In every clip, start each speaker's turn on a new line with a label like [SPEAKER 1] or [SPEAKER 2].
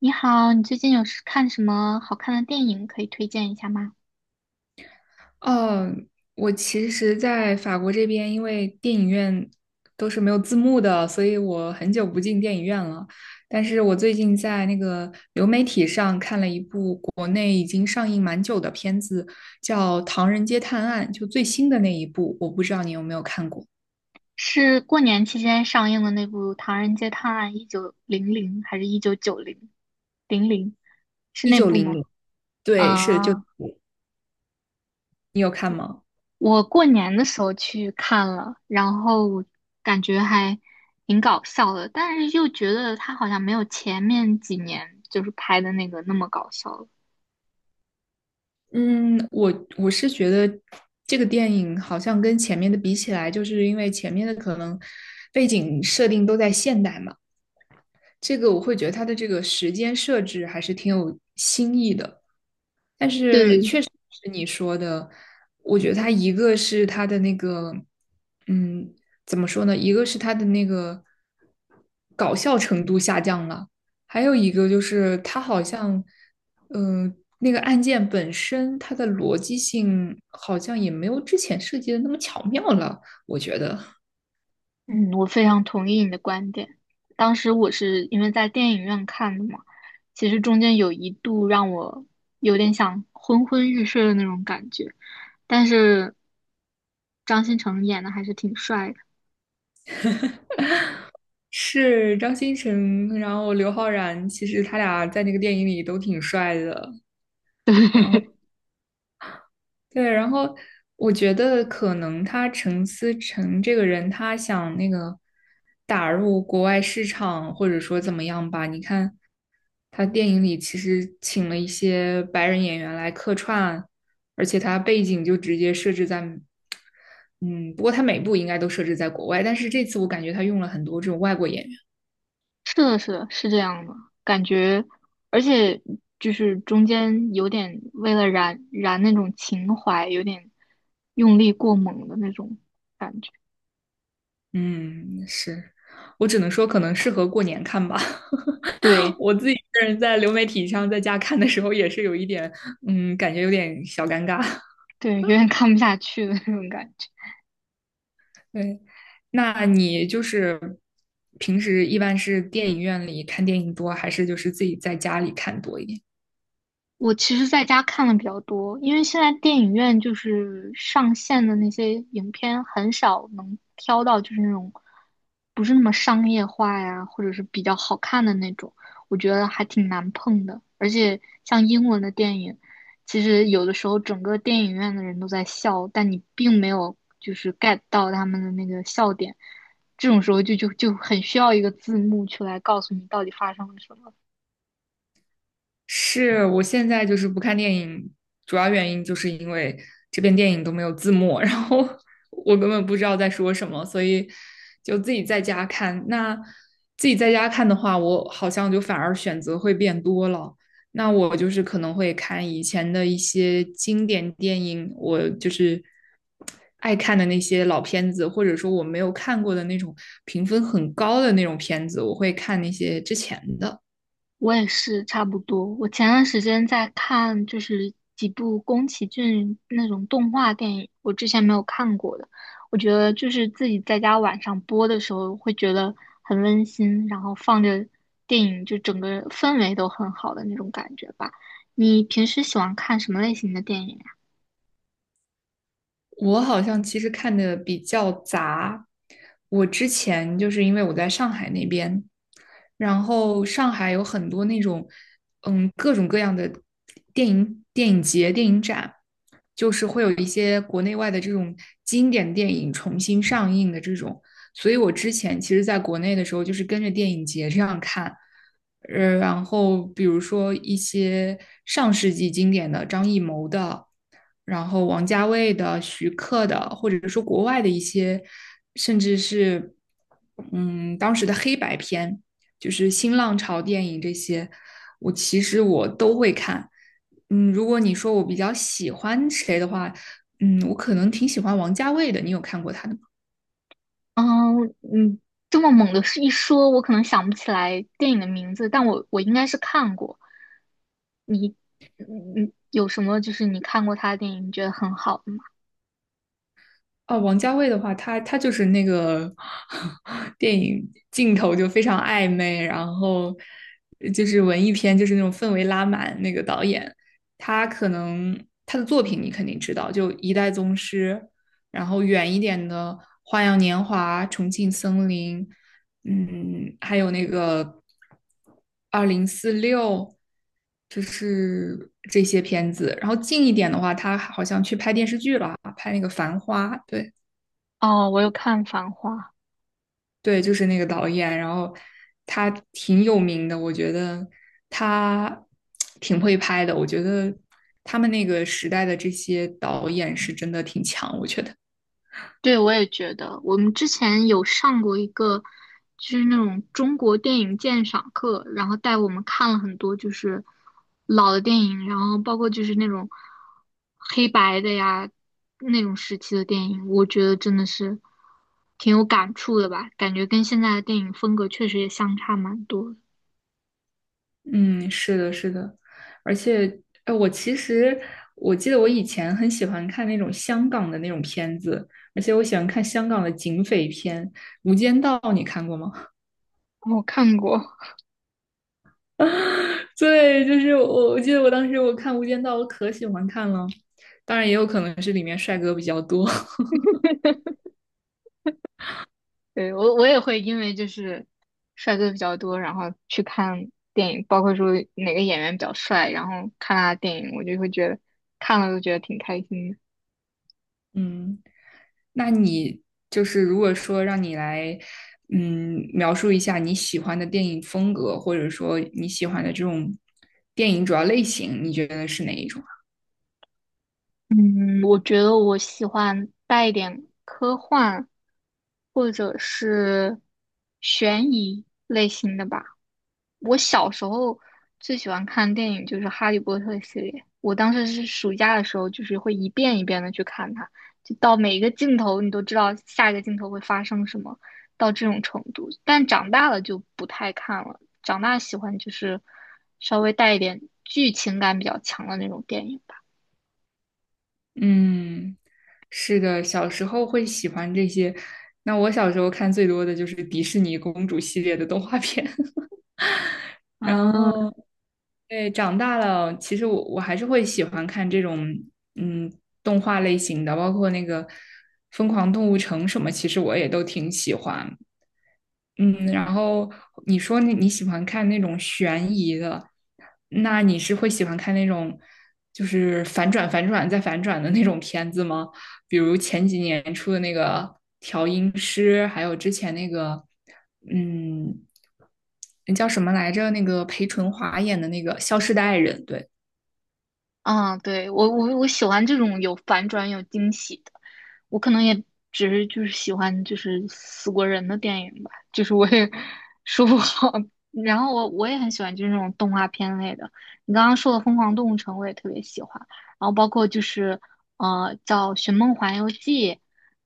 [SPEAKER 1] 你好，你最近是看什么好看的电影可以推荐一下吗？
[SPEAKER 2] 哦，我其实，在法国这边，因为电影院都是没有字幕的，所以我很久不进电影院了。但是我最近在那个流媒体上看了一部国内已经上映蛮久的片子，叫《唐人街探案》，就最新的那一部，我不知道你有没有看过，
[SPEAKER 1] 是过年期间上映的那部《唐人街探案1900》还是一九九零零零？是
[SPEAKER 2] 一
[SPEAKER 1] 那
[SPEAKER 2] 九
[SPEAKER 1] 部
[SPEAKER 2] 零
[SPEAKER 1] 吗？
[SPEAKER 2] 零，对，是就
[SPEAKER 1] 啊，
[SPEAKER 2] 你有看吗？
[SPEAKER 1] 我过年的时候去看了，然后感觉还挺搞笑的，但是又觉得他好像没有前面几年就是拍的那个那么搞笑了。
[SPEAKER 2] 嗯，我我觉得这个电影好像跟前面的比起来，就是因为前面的可能背景设定都在现代嘛，这个我会觉得它的这个时间设置还是挺有新意的，但是
[SPEAKER 1] 对，
[SPEAKER 2] 确实是你说的，我觉得它一个是它的那个，嗯，怎么说呢？一个是它的那个搞笑程度下降了，还有一个就是它好像，那个案件本身它的逻辑性好像也没有之前设计的那么巧妙了，我觉得。
[SPEAKER 1] 嗯，我非常同意你的观点。当时我是因为在电影院看的嘛，其实中间有一度让我有点想昏昏欲睡的那种感觉，但是张新成演的还是挺帅的。
[SPEAKER 2] 是张新成，然后刘昊然，其实他俩在那个电影里都挺帅的。然后对，然后我觉得可能他陈思诚这个人，他想那个打入国外市场，或者说怎么样吧？你看他电影里其实请了一些白人演员来客串，而且他背景就直接设置在，嗯，不过他每部应该都设置在国外，但是这次我感觉他用了很多这种外国演员。
[SPEAKER 1] 是的，是的，是这样的感觉，而且就是中间有点为了燃燃那种情怀，有点用力过猛的那种感觉，
[SPEAKER 2] 嗯，是，我只能说可能适合过年看吧。
[SPEAKER 1] 对
[SPEAKER 2] 我自己一个人在流媒体上在家看的时候，也是有一点，感觉有点小尴尬。
[SPEAKER 1] 对，有点看不下去的那种感觉。
[SPEAKER 2] 对，那你就是平时一般是电影院里看电影多，还是就是自己在家里看多一点？
[SPEAKER 1] 我其实在家看的比较多，因为现在电影院就是上线的那些影片很少能挑到，就是那种不是那么商业化呀，或者是比较好看的那种，我觉得还挺难碰的。而且像英文的电影，其实有的时候整个电影院的人都在笑，但你并没有就是 get 到他们的那个笑点，这种时候就很需要一个字幕去来告诉你到底发生了什么。
[SPEAKER 2] 是我现在就是不看电影，主要原因就是因为这边电影都没有字幕，然后 我根本不知道在说什么，所以就自己在家看。那自己在家看的话，我好像就反而选择会变多了。那我就是可能会看以前的一些经典电影，我就是爱看的那些老片子，或者说我没有看过的那种评分很高的那种片子，我会看那些之前的。
[SPEAKER 1] 我也是差不多。我前段时间在看，就是几部宫崎骏那种动画电影，我之前没有看过的。我觉得就是自己在家晚上播的时候，会觉得很温馨，然后放着电影，就整个氛围都很好的那种感觉吧。你平时喜欢看什么类型的电影呀？
[SPEAKER 2] 我好像其实看的比较杂。我之前就是因为我在上海那边，然后上海有很多那种各种各样的电影节、电影展，就是会有一些国内外的这种经典电影重新上映的这种。所以我之前其实在国内的时候，就是跟着电影节这样看。然后比如说一些上世纪经典的张艺谋的。然后王家卫的、徐克的，或者说国外的一些，甚至是当时的黑白片，就是新浪潮电影这些，我其实我都会看。嗯，如果你说我比较喜欢谁的话，我可能挺喜欢王家卫的。你有看过他的
[SPEAKER 1] 嗯，你这么猛的一说，我可能想不起来电影的名字，但我应该是看过。你你有什么就是你看过他的电影你觉得很好的吗？
[SPEAKER 2] 哦，王家卫的话，他就是那个 电影镜头就非常暧昧，然后就是文艺片，就是那种氛围拉满。那个导演，他可能他的作品你肯定知道，就《一代宗师》，然后远一点的《花样年华》《重庆森林》，嗯，还有那个《二零四六》，就是这些片子。然后近一点的话，他好像去拍电视剧了，拍那个《繁花》，对。
[SPEAKER 1] 哦，我有看《繁花》，
[SPEAKER 2] 对，就是那个导演，然后他挺有名的，我觉得他 挺会拍的，我觉得他们那个时代的这些导演是真的挺强，我觉得，
[SPEAKER 1] 对，我也觉得我们之前有上过一个就是那种中国电影鉴赏课，然后带我们看了很多就是老的电影，然后包括就是那种黑白的呀那种时期的电影，我觉得真的是挺有感触的吧，感觉跟现在的电影风格确实也相差蛮多的。
[SPEAKER 2] 嗯，是的，是的，而且，哎，我其实我记得我以前很喜欢看那种香港的那种片子，而且我喜欢看香港的警匪片，《无间道》，你看过吗？
[SPEAKER 1] 我看过，
[SPEAKER 2] 啊，对，就是我，我记得我当时我看《无间道》，我可喜欢看了。当然，也有可能是里面帅哥比较多。
[SPEAKER 1] 对，我也会因为就是帅哥比较多，然后去看电影，包括说哪个演员比较帅，然后看他的电影，我就会觉得看了都觉得挺开心的。
[SPEAKER 2] 嗯，那你就是如果说让你来，描述一下你喜欢的电影风格，或者说你喜欢的这种电影主要类型，你觉得是哪一种啊？
[SPEAKER 1] 嗯，我觉得我喜欢带一点科幻或者是悬疑类型的吧。我小时候最喜欢看电影就是《哈利波特》系列，我当时是暑假的时候，就是会一遍一遍的去看它，就到每一个镜头你都知道下一个镜头会发生什么，到这种程度。但长大了就不太看了，长大喜欢就是稍微带一点剧情感比较强的那种电影吧。
[SPEAKER 2] 嗯，是的，小时候会喜欢这些。那我小时候看最多的就是迪士尼公主系列的动画片。然
[SPEAKER 1] 嗯。
[SPEAKER 2] 后对，长大了，其实我还是会喜欢看这种嗯动画类型的，包括那个《疯狂动物城》什么，其实我也都挺喜欢。嗯，然后你说你喜欢看那种悬疑的，那你是会喜欢看那种就是反转、反转再反转的那种片子吗？比如前几年出的那个《调音师》，还有之前那个，嗯，那叫什么来着？那个裴淳华演的那个《消失的爱人》，对。
[SPEAKER 1] 嗯，对，我喜欢这种有反转、有惊喜的。我可能也只是就是喜欢就是死过人的电影吧，就是我也 说不好。然后我也很喜欢就是那种动画片类的。你刚刚说的《疯狂动物城》，我也特别喜欢。然后包括就是叫《寻梦环游记》，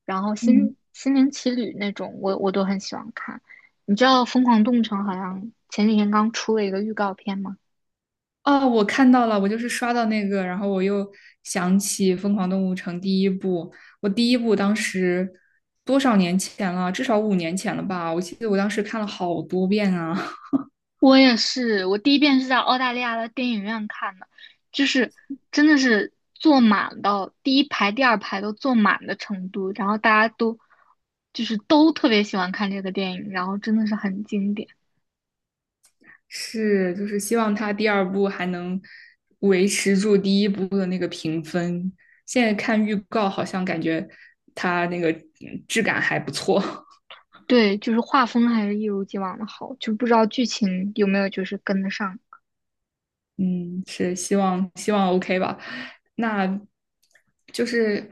[SPEAKER 1] 然后
[SPEAKER 2] 嗯。
[SPEAKER 1] 心灵奇旅那种，我都很喜欢看。你知道《疯狂动物城》好像前几天刚出了一个预告片吗？
[SPEAKER 2] 哦，我看到了，我就是刷到那个，然后我又想起《疯狂动物城》第一部。我第一部当时多少年前了？至少五年前了吧？我记得我当时看了好多遍啊。
[SPEAKER 1] 我也是，我第一遍是在澳大利亚的电影院看的，就是真的是坐满到第一排、第二排都坐满的程度，然后大家都就是都特别喜欢看这个电影，然后真的是很经典。
[SPEAKER 2] 是，就是希望它第二部还能维持住第一部的那个评分。现在看预告，好像感觉它那个质感还不错。
[SPEAKER 1] 对，就是画风还是一如既往的好，就不知道剧情有没有就是跟得上。
[SPEAKER 2] 嗯，是希望 OK 吧？那就是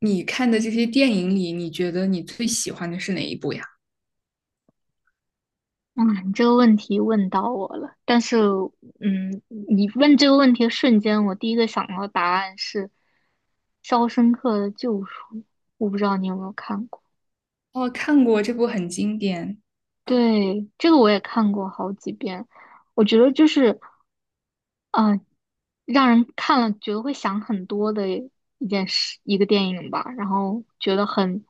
[SPEAKER 2] 你看的这些电影里，你觉得你最喜欢的是哪一部呀？
[SPEAKER 1] 哇，你这个问题问到我了，但是，嗯，你问这个问题的瞬间，我第一个想到的答案是《肖申克的救赎》，我不知道你有没有看过。
[SPEAKER 2] 哦，看过这部很经典。
[SPEAKER 1] 对，这个我也看过好几遍，我觉得就是，呃，让人看了觉得会想很多的一件事，一个电影吧，然后觉得很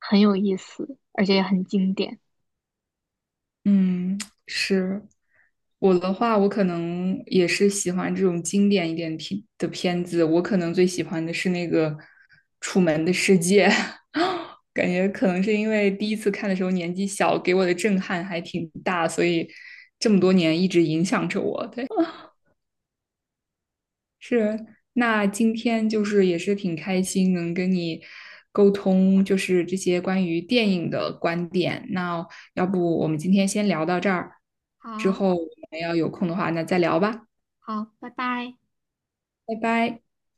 [SPEAKER 1] 很有意思，而且也很经典。
[SPEAKER 2] 嗯，是我的话，我可能也是喜欢这种经典一点片的片子。我可能最喜欢的是那个《楚门的世界》，感觉可能是因为第一次看的时候年纪小，给我的震撼还挺大，所以这么多年一直影响着我。对。是，那今天就是也是挺开心能跟你沟通，就是这些关于电影的观点。那要不我们今天先聊到这儿，之
[SPEAKER 1] 好
[SPEAKER 2] 后我们要有空的话，那再聊吧，
[SPEAKER 1] 好，拜拜。
[SPEAKER 2] 拜拜。